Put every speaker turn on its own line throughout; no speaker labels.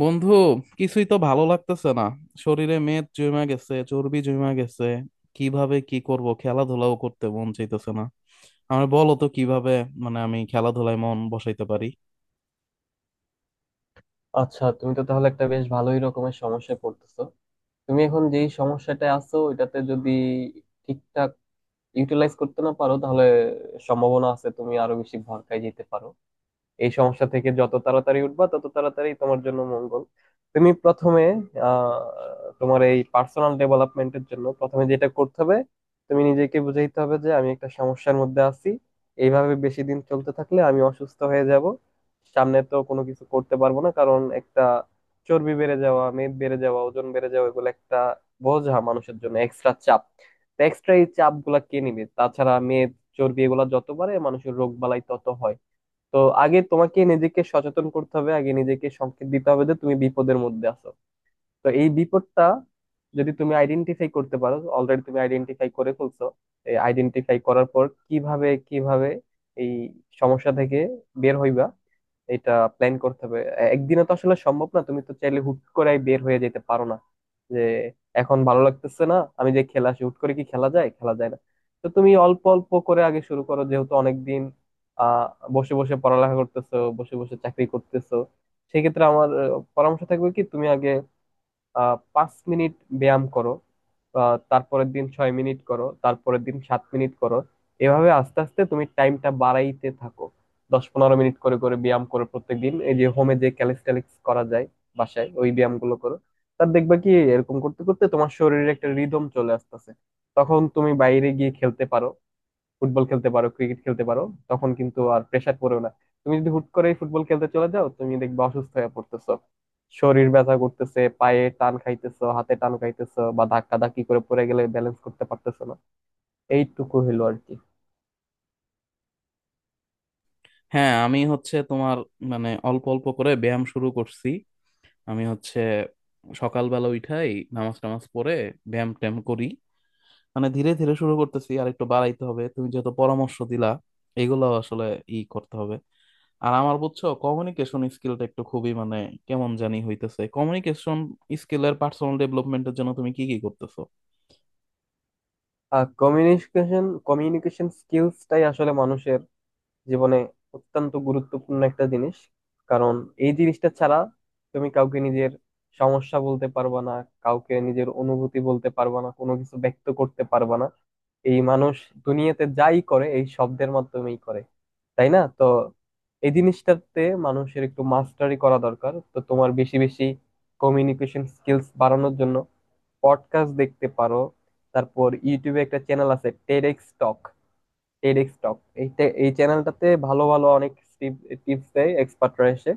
বন্ধু, কিছুই তো ভালো লাগতেছে না। শরীরে মেদ জমা গেছে, চর্বি জমা গেছে। কিভাবে কি করব, খেলাধুলাও করতে মন চাইতেছে না। আমার বলো তো কিভাবে মানে আমি খেলাধুলায় মন বসাইতে পারি।
আচ্ছা, তুমি তো তাহলে একটা বেশ ভালোই রকমের সমস্যায় পড়তেছো। তুমি এখন যেই সমস্যাটায় আছো এটাতে যদি ঠিকঠাক ইউটিলাইজ করতে না পারো, তাহলে সম্ভাবনা আছে তুমি আরো বেশি ভরকায় যেতে পারো। এই সমস্যা থেকে যত তাড়াতাড়ি উঠবা, তত তাড়াতাড়ি তোমার জন্য মঙ্গল। তুমি প্রথমে আহ তোমার এই পার্সোনাল ডেভেলপমেন্টের জন্য প্রথমে যেটা করতে হবে, তুমি নিজেকে বুঝাইতে হবে যে আমি একটা সমস্যার মধ্যে আছি। এইভাবে বেশি দিন চলতে থাকলে আমি অসুস্থ হয়ে যাব, সামনে তো কোনো কিছু করতে পারবো না। কারণ একটা চর্বি বেড়ে যাওয়া, মেদ বেড়ে যাওয়া, ওজন বেড়ে যাওয়া, এগুলো একটা বোঝা, মানুষের জন্য এক্সট্রা চাপ। এক্সট্রা এই চাপ গুলা কে নিবে? তাছাড়া মেদ চর্বি এগুলা যত বাড়ে, মানুষের রোগ বালাই তত হয়। তো আগে তোমাকে নিজেকে সচেতন করতে হবে, আগে নিজেকে সংকেত দিতে হবে যে তুমি বিপদের মধ্যে আছো। তো এই বিপদটা যদি তুমি আইডেন্টিফাই করতে পারো, অলরেডি তুমি আইডেন্টিফাই করে ফেলছো। এই আইডেন্টিফাই করার পর কিভাবে কিভাবে এই সমস্যা থেকে বের হইবা, এটা প্ল্যান করতে হবে। একদিনে তো আসলে সম্ভব না, তুমি তো চাইলে হুট করে বের হয়ে যেতে পারো না যে এখন ভালো লাগতেছে না, আমি যে খেলা আসি হুট করে, কি খেলা যায়? খেলা যায় না। তো তুমি অল্প অল্প করে আগে শুরু করো। যেহেতু অনেকদিন আহ বসে বসে পড়ালেখা করতেছো, বসে বসে চাকরি করতেছো, সেক্ষেত্রে আমার পরামর্শ থাকবে কি তুমি আগে 5 মিনিট ব্যায়াম করো, তারপরের দিন 6 মিনিট করো, তারপরের দিন 7 মিনিট করো। এভাবে আস্তে আস্তে তুমি টাইমটা বাড়াইতে থাকো। 10-15 মিনিট করে করে ব্যায়াম করো প্রত্যেকদিন। এই যে হোমে যে ক্যালিস্টেনিক্স করা যায়, বাসায় ওই ব্যায়াম গুলো করো। তার দেখবা কি এরকম করতে করতে তোমার শরীরে একটা রিদম চলে আসতেছে। তখন তুমি বাইরে গিয়ে খেলতে পারো, ফুটবল খেলতে পারো, ক্রিকেট খেলতে পারো। তখন কিন্তু আর প্রেসার পড়েও না। তুমি যদি হুট করে ফুটবল খেলতে চলে যাও, তুমি দেখবে অসুস্থ হয়ে পড়তেছো, শরীর ব্যথা করতেছে, পায়ে টান খাইতেছো, হাতে টান খাইতেছো, বা ধাক্কা ধাক্কি করে পড়ে গেলে ব্যালেন্স করতে পারতেছো না। এইটুকু হলো আর কি।
হ্যাঁ, আমি হচ্ছে তোমার মানে অল্প অল্প করে ব্যায়াম শুরু করছি। আমি হচ্ছে সকালবেলা উঠাই, নামাজ টামাজ পড়ে ব্যায়াম ট্যায়াম করি। মানে ধীরে ধীরে শুরু করতেছি, আর একটু বাড়াইতে হবে তুমি যেহেতু পরামর্শ দিলা। এগুলো আসলে ই করতে হবে। আর আমার বুঝছো কমিউনিকেশন স্কিলটা একটু খুবই মানে কেমন জানি হইতেছে। কমিউনিকেশন স্কিলের পার্সোনাল ডেভেলপমেন্টের জন্য তুমি কি কি করতেছো?
আর কমিউনিকেশন কমিউনিকেশন স্কিলসটাই আসলে মানুষের জীবনে অত্যন্ত গুরুত্বপূর্ণ একটা জিনিস। কারণ এই জিনিসটা ছাড়া তুমি কাউকে নিজের সমস্যা বলতে পারবা না, কাউকে নিজের অনুভূতি বলতে পারবা না, কোনো কিছু ব্যক্ত করতে পারবা না। এই মানুষ দুনিয়াতে যাই করে, এই শব্দের মাধ্যমেই করে, তাই না? তো এই জিনিসটাতে মানুষের একটু মাস্টারি করা দরকার। তো তোমার বেশি বেশি কমিউনিকেশন স্কিলস বাড়ানোর জন্য পডকাস্ট দেখতে পারো। তারপর ইউটিউবে একটা চ্যানেল আছে, টেডেক্স টক। টেডেক্স টক, এই চ্যানেলটাতে ভালো ভালো অনেক টিপস দেয় এক্সপার্টরা এসে।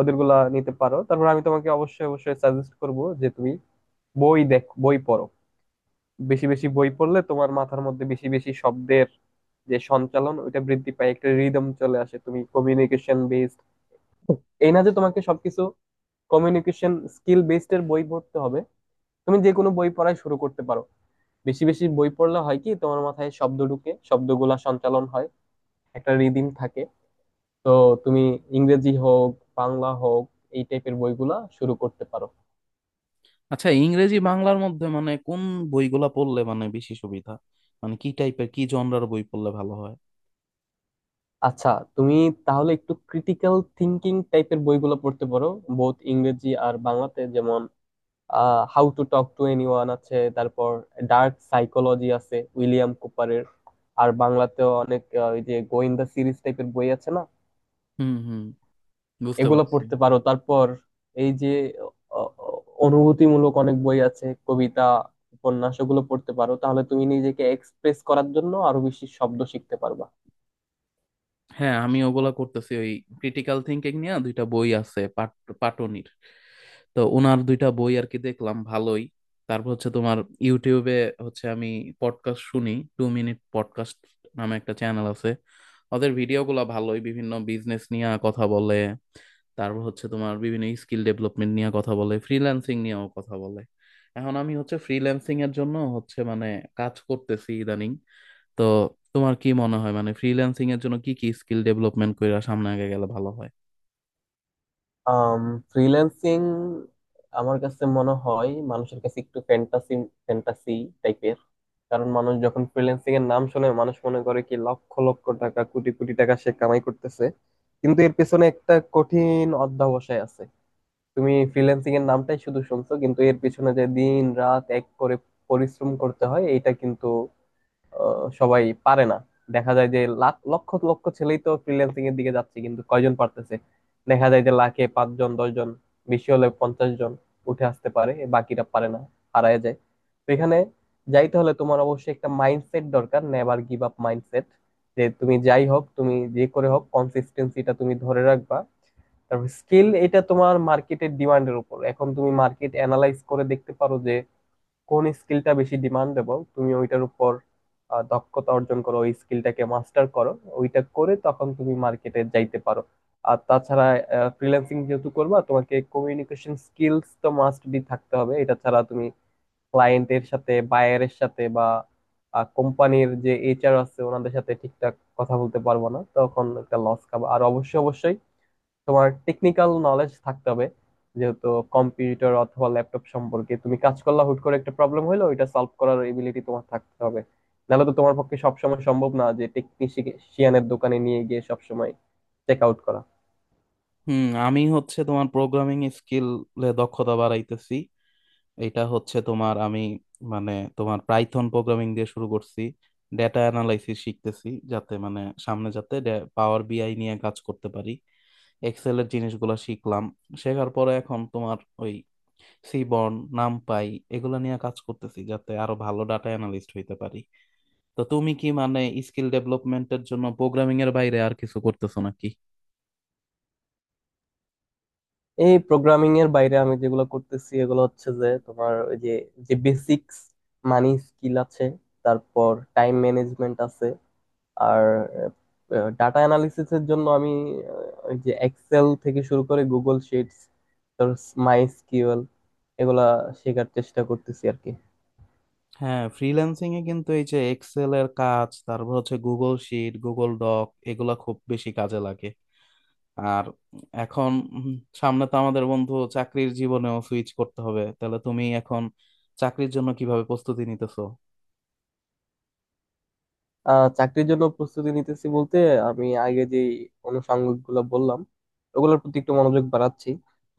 ওদেরগুলা নিতে পারো। তারপর আমি তোমাকে অবশ্যই অবশ্যই সাজেস্ট করব যে তুমি বই দেখ, বই পড়ো। বেশি বেশি বই পড়লে তোমার মাথার মধ্যে বেশি বেশি শব্দের যে সঞ্চালন, ওইটা বৃদ্ধি পায়, একটা রিদম চলে আসে। তুমি কমিউনিকেশন বেসড, এই না যে তোমাকে সবকিছু কমিউনিকেশন স্কিল বেসড এর বই পড়তে হবে। তুমি যে কোনো বই পড়াই শুরু করতে পারো। বেশি বেশি বই পড়লে হয় কি, তোমার মাথায় শব্দ ঢুকে, শব্দগুলা সঞ্চালন হয়, একটা রিদিম থাকে। তো তুমি ইংরেজি হোক, বাংলা হোক, এই টাইপের বইগুলা শুরু করতে পারো।
আচ্ছা, ইংরেজি বাংলার মধ্যে মানে কোন বইগুলা পড়লে মানে বেশি সুবিধা? মানে কি টাইপের কি জনরার বই পড়লে ভালো হয়?
আচ্ছা, তুমি তাহলে একটু ক্রিটিক্যাল থিঙ্কিং টাইপের বইগুলো পড়তে পারো, বোথ ইংরেজি আর বাংলাতে। যেমন how to talk to anyone আছে, তারপর ডার্ক সাইকোলজি আছে উইলিয়াম কুপারের। আর বাংলাতেও অনেক ওই যে গোয়েন্দা সিরিজ টাইপের বই আছে না,
হুম, হুম, বুঝতে
এগুলো
পারছি।
পড়তে পারো। তারপর এই যে অ- অ- অনুভূতিমূলক অনেক বই আছে, কবিতা, উপন্যাস, ওগুলো পড়তে পারো। তাহলে তুমি নিজেকে এক্সপ্রেস করার জন্য আরো বেশি শব্দ শিখতে পারবা।
হ্যাঁ, আমি ওগুলা করতেছি। ওই ক্রিটিক্যাল থিঙ্কিং নিয়ে দুইটা বই আছে পাটনির। তো ওনার দুইটা বই আর কি দেখলাম, ভালোই। তারপর হচ্ছে তোমার ইউটিউবে হচ্ছে আমি পডকাস্ট শুনি। টু মিনিট পডকাস্ট নামে একটা চ্যানেল আছে। ওদের ভিডিওগুলো ভালোই, বিভিন্ন বিজনেস নিয়ে কথা বলে। তারপর হচ্ছে তোমার বিভিন্ন স্কিল ডেভেলপমেন্ট নিয়ে কথা বলে, ফ্রিল্যান্সিং নিয়েও কথা বলে। এখন আমি হচ্ছে ফ্রিল্যান্সিং এর জন্য হচ্ছে মানে কাজ করতেছি ইদানিং। তো তোমার কি মনে হয়, মানে ফ্রিল্যান্সিং এর জন্য কি কি স্কিল ডেভেলপমেন্ট কইরা সামনে আগে গেলে ভালো হয়?
আম ফ্রিল্যান্সিং আমার কাছে মনে হয় মানুষের কাছে একটু ফ্যান্টাসি ফ্যান্টাসি টাইপের। কারণ মানুষ যখন ফ্রিল্যান্সিং এর নাম শোনে, মানুষ মনে করে কি লক্ষ লক্ষ টাকা, কোটি কোটি টাকা সে কামাই করতেছে। কিন্তু এর পেছনে একটা কঠিন অধ্যবসায় আছে। তুমি ফ্রিল্যান্সিং এর নামটাই শুধু শুনছো, কিন্তু এর পিছনে যে দিন রাত এক করে পরিশ্রম করতে হয়, এটা কিন্তু সবাই পারে না। দেখা যায় যে লাখ লক্ষ লক্ষ ছেলেই তো ফ্রিল্যান্সিং এর দিকে যাচ্ছে, কিন্তু কয়জন পারতেছে? দেখা যায় যে লাখে 5 জন, 10 জন, বেশি হলে 50 জন উঠে আসতে পারে, বাকিরা পারে না, হারায় যায়। তো এখানে যাইতে হলে তোমার অবশ্যই একটা মাইন্ডসেট দরকার, নেভার গিভ আপ মাইন্ডসেট। যে তুমি যাই হোক, তুমি যে করে হোক কনসিস্টেন্সিটা তুমি ধরে রাখবা। তারপর স্কিল, এটা তোমার মার্কেটের ডিমান্ডের উপর। এখন তুমি মার্কেট অ্যানালাইজ করে দেখতে পারো যে কোন স্কিলটা বেশি ডিমান্ডেবল, তুমি ওইটার উপর দক্ষতা অর্জন করো, ওই স্কিলটাকে মাস্টার করো। ওইটা করে তখন তুমি মার্কেটে যাইতে পারো। আর তাছাড়া ফ্রিল্যান্সিং যেহেতু করবা, তোমাকে কমিউনিকেশন স্কিলস তো মাস্ট বি থাকতে হবে। এটা ছাড়া তুমি ক্লায়েন্টের সাথে, বায়ারের সাথে, বা কোম্পানির যে এইচআর আছে ওনাদের সাথে ঠিকঠাক কথা বলতে পারবো না, তখন একটা লস খাবো। আর অবশ্যই অবশ্যই তোমার টেকনিক্যাল নলেজ থাকতে হবে। যেহেতু কম্পিউটার অথবা ল্যাপটপ সম্পর্কে তুমি কাজ করলা, হুট করে একটা প্রবলেম হলো, ওইটা সলভ করার এবিলিটি তোমার থাকতে হবে। নাহলে তো তোমার পক্ষে সবসময় সম্ভব না যে টেকনিশিয়ানের দোকানে নিয়ে গিয়ে সবসময় চেক আউট করা।
হুম, আমি হচ্ছে তোমার প্রোগ্রামিং স্কিলে দক্ষতা বাড়াইতেছি। এটা হচ্ছে তোমার আমি মানে তোমার পাইথন প্রোগ্রামিং দিয়ে শুরু করছি। ডেটা অ্যানালাইসিস শিখতেছি যাতে মানে সামনে যাতে পাওয়ার বিআই নিয়ে কাজ করতে পারি। এক্সেল এর জিনিসগুলো শিখলাম, শেখার পরে এখন তোমার ওই সিবর্ন, নামপাই এগুলো নিয়ে কাজ করতেছি যাতে আরো ভালো ডাটা অ্যানালিস্ট হইতে পারি। তো তুমি কি মানে স্কিল ডেভেলপমেন্টের জন্য প্রোগ্রামিং এর বাইরে আর কিছু করতেছো নাকি?
এই প্রোগ্রামিং এর বাইরে আমি যেগুলো করতেছি, এগুলো হচ্ছে যে তোমার ওই যে যে বেসিক্স, মানি স্কিল আছে, তারপর টাইম ম্যানেজমেন্ট আছে। আর ডাটা অ্যানালিসিস এর জন্য আমি ওই যে এক্সেল থেকে শুরু করে গুগল শিটস, তারপর মাই এসকিউএল, এগুলা শেখার চেষ্টা করতেছি আর কি।
হ্যাঁ, ফ্রিল্যান্সিং এ কিন্তু এই যে এক্সেল এর কাজ, তারপর হচ্ছে গুগল শিট, গুগল ডক, এগুলা খুব বেশি কাজে লাগে। আর এখন উম, সামনে তো আমাদের বন্ধু চাকরির জীবনেও সুইচ করতে হবে। তাহলে তুমি এখন চাকরির জন্য কিভাবে প্রস্তুতি নিতেছো?
চাকরির জন্য প্রস্তুতি নিতেছি বলতে, আমি আগে যে অনুষঙ্গ গুলো বললাম, ওগুলোর প্রতি একটু মনোযোগ বাড়াচ্ছি।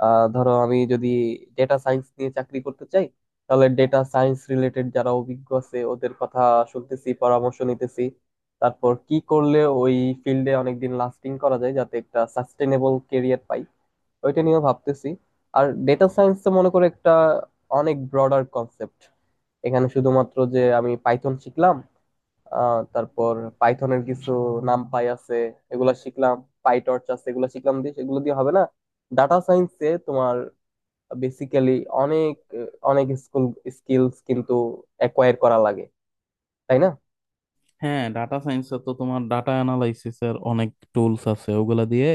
ধরো আমি যদি ডেটা সায়েন্স নিয়ে চাকরি করতে চাই, তাহলে ডেটা সায়েন্স রিলেটেড যারা অভিজ্ঞ আছে, ওদের কথা শুনতেছি, পরামর্শ নিতেছি। তারপর কি করলে ওই ফিল্ডে অনেকদিন লাস্টিং করা যায়, যাতে একটা সাস্টেনেবল কেরিয়ার পাই, ওইটা নিয়েও ভাবতেছি। আর ডেটা সায়েন্স তো মনে করো একটা অনেক ব্রডার কনসেপ্ট। এখানে শুধুমাত্র যে আমি পাইথন শিখলাম, তারপর পাইথনের কিছু নামপাই আছে এগুলা শিখলাম, পাইটর্চ আছে এগুলা শিখলাম, দিয়ে এগুলো দিয়ে হবে না। ডাটা সায়েন্সে তোমার বেসিক্যালি অনেক অনেক স্কুল স্কিলস কিন্তু অ্যাকোয়ার করা লাগে, তাই না?
হ্যাঁ, ডাটা সায়েন্সে তো তোমার ডাটা অ্যানালাইসিস এর অনেক টুলস আছে, ওগুলা দিয়ে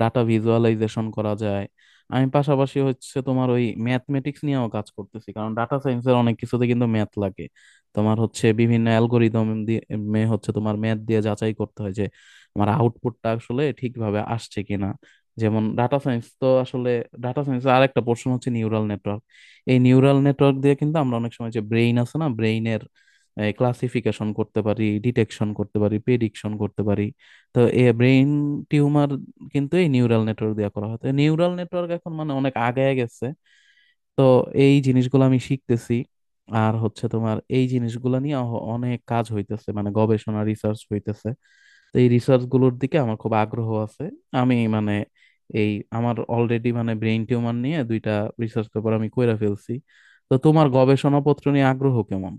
ডাটা ভিজুয়ালাইজেশন করা যায়। আমি পাশাপাশি হচ্ছে তোমার ওই ম্যাথমেটিক্স নিয়েও কাজ করতেছি, কারণ ডাটা সায়েন্সের অনেক কিছুতে কিন্তু ম্যাথ লাগে। তোমার হচ্ছে বিভিন্ন অ্যালগোরিদম দিয়ে মে হচ্ছে তোমার ম্যাথ দিয়ে যাচাই করতে হয় যে আমার আউটপুটটা আসলে ঠিকভাবে আসছে কিনা। যেমন ডাটা সায়েন্স তো আসলে ডাটা সায়েন্সের আরেকটা পোর্শন হচ্ছে নিউরাল নেটওয়ার্ক। এই নিউরাল নেটওয়ার্ক দিয়ে কিন্তু আমরা অনেক সময় যে ব্রেইন আছে না, ব্রেইনের ক্লাসিফিকেশন করতে পারি, ডিটেকশন করতে পারি, প্রেডিকশন করতে পারি। তো এ ব্রেইন টিউমার কিন্তু এই নিউরাল নেটওয়ার্ক দিয়ে করা হয়। তো নিউরাল নেটওয়ার্ক এখন মানে অনেক আগায় গেছে। তো এই জিনিসগুলো আমি শিখতেছি। আর হচ্ছে তোমার এই জিনিসগুলো নিয়ে অনেক কাজ হইতেছে, মানে গবেষণা রিসার্চ হইতেছে। তো এই রিসার্চ গুলোর দিকে আমার খুব আগ্রহ আছে। আমি মানে এই আমার অলরেডি মানে ব্রেইন টিউমার নিয়ে দুইটা রিসার্চ পেপার আমি কইরা ফেলছি। তো তোমার গবেষণাপত্র নিয়ে আগ্রহ কেমন?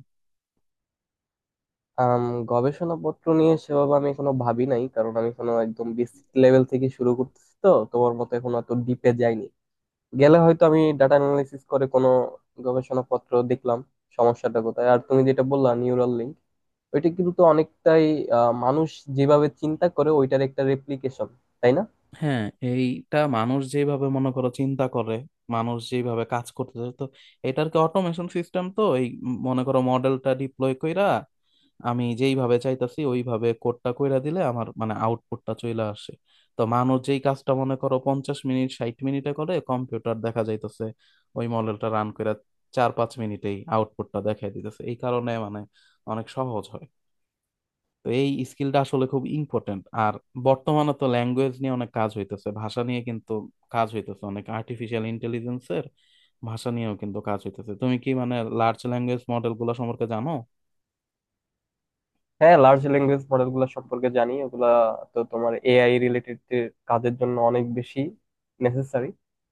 আম, গবেষণাপত্র নিয়ে সেভাবে আমি এখনো ভাবি নাই, কারণ আমি এখনো একদম বেসিক লেভেল থেকে শুরু করতেছি। তো তোমার মতো এখনো এত ডিপে যাইনি। গেলে হয়তো আমি ডাটা অ্যানালাইসিস করে কোনো গবেষণাপত্র দেখলাম সমস্যাটা কোথায়। আর তুমি যেটা বললা, নিউরাল লিঙ্ক, ওইটা কিন্তু তো অনেকটাই মানুষ যেভাবে চিন্তা করে ওইটার একটা রেপ্লিকেশন, তাই না?
হ্যাঁ, এইটা মানুষ যেভাবে মনে করো চিন্তা করে, মানুষ যেভাবে কাজ করতেছে। তো এটার কি অটোমেশন সিস্টেম তো এই মনে করো মডেলটা ডিপ্লয় কইরা আমি যেইভাবে চাইতাছি ওইভাবে কোডটা কইরা দিলে আমার মানে আউটপুটটা চলে আসে। তো মানুষ যেই কাজটা মনে করো 50 মিনিট 60 মিনিটে করে, কম্পিউটার দেখা যাইতেছে ওই মডেলটা রান কইরা 4-5 মিনিটেই আউটপুটটা দেখাই দিতেছে। এই কারণে মানে অনেক সহজ হয়। তো এই স্কিলটা আসলে খুব ইম্পর্টেন্ট। আর বর্তমানে তো ল্যাঙ্গুয়েজ নিয়ে অনেক কাজ হইতেছে, ভাষা নিয়ে কিন্তু কাজ হইতেছে অনেক, আর্টিফিশিয়াল ইন্টেলিজেন্সের ভাষা নিয়েও কিন্তু কাজ হইতেছে। তুমি কি মানে লার্জ ল্যাঙ্গুয়েজ মডেল গুলো সম্পর্কে জানো?
হ্যাঁ, লার্জ ল্যাঙ্গুয়েজ মডেল গুলো সম্পর্কে জানি। ওগুলা তো তোমার এআই রিলেটেড কাজের জন্য অনেক বেশি নেসেসারি।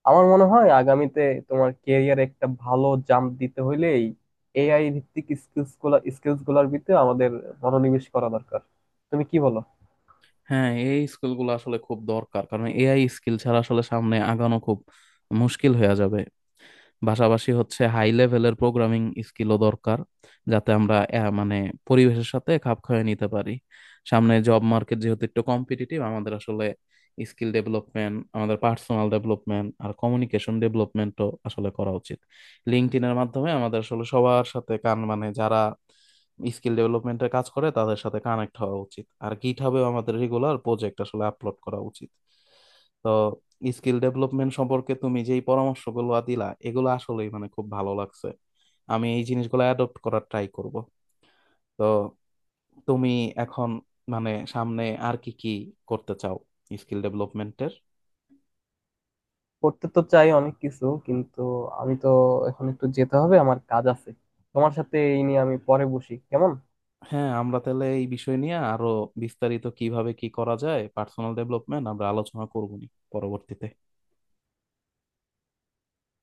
আমার মনে হয় আগামীতে তোমার ক্যারিয়ারে একটা ভালো জাম্প দিতে হইলে এই এআই ভিত্তিক স্কিলস গুলার ভিতরে আমাদের মনোনিবেশ করা দরকার। তুমি কি বলো?
হ্যাঁ, এই স্কিল গুলো আসলে খুব দরকার, কারণ এআই স্কিল ছাড়া আসলে সামনে আগানো খুব মুশকিল হয়ে যাবে। পাশাপাশি হচ্ছে হাই লেভেলের প্রোগ্রামিং স্কিলও দরকার, যাতে আমরা মানে পরিবেশের সাথে খাপ খাইয়ে নিতে পারি। সামনে জব মার্কেট যেহেতু একটু কম্পিটিটিভ, আমাদের আসলে স্কিল ডেভেলপমেন্ট, আমাদের পার্সোনাল ডেভেলপমেন্ট আর কমিউনিকেশন ডেভেলপমেন্টও আসলে করা উচিত। লিঙ্কডইনের মাধ্যমে আমাদের আসলে সবার সাথে মানে যারা স্কিল ডেভেলপমেন্টের কাজ করে তাদের সাথে কানেক্ট হওয়া উচিত। আর গিটহাবেও আমাদের রেগুলার প্রজেক্ট আসলে আপলোড করা উচিত। তো স্কিল ডেভেলপমেন্ট সম্পর্কে তুমি যেই পরামর্শগুলো দিলা এগুলো আসলেই মানে খুব ভালো লাগছে। আমি এই জিনিসগুলো অ্যাডপ্ট করার ট্রাই করব। তো তুমি এখন মানে সামনে আর কি কি করতে চাও স্কিল ডেভেলপমেন্টের?
করতে তো চাই অনেক কিছু, কিন্তু আমি তো এখন একটু যেতে হবে, আমার কাজ আছে। তোমার সাথে এই নিয়ে আমি পরে বসি, কেমন?
হ্যাঁ, আমরা তাহলে এই বিষয় নিয়ে আরো বিস্তারিত কিভাবে কি করা যায় পার্সোনাল ডেভেলপমেন্ট আমরা আলোচনা করব নি পরবর্তীতে।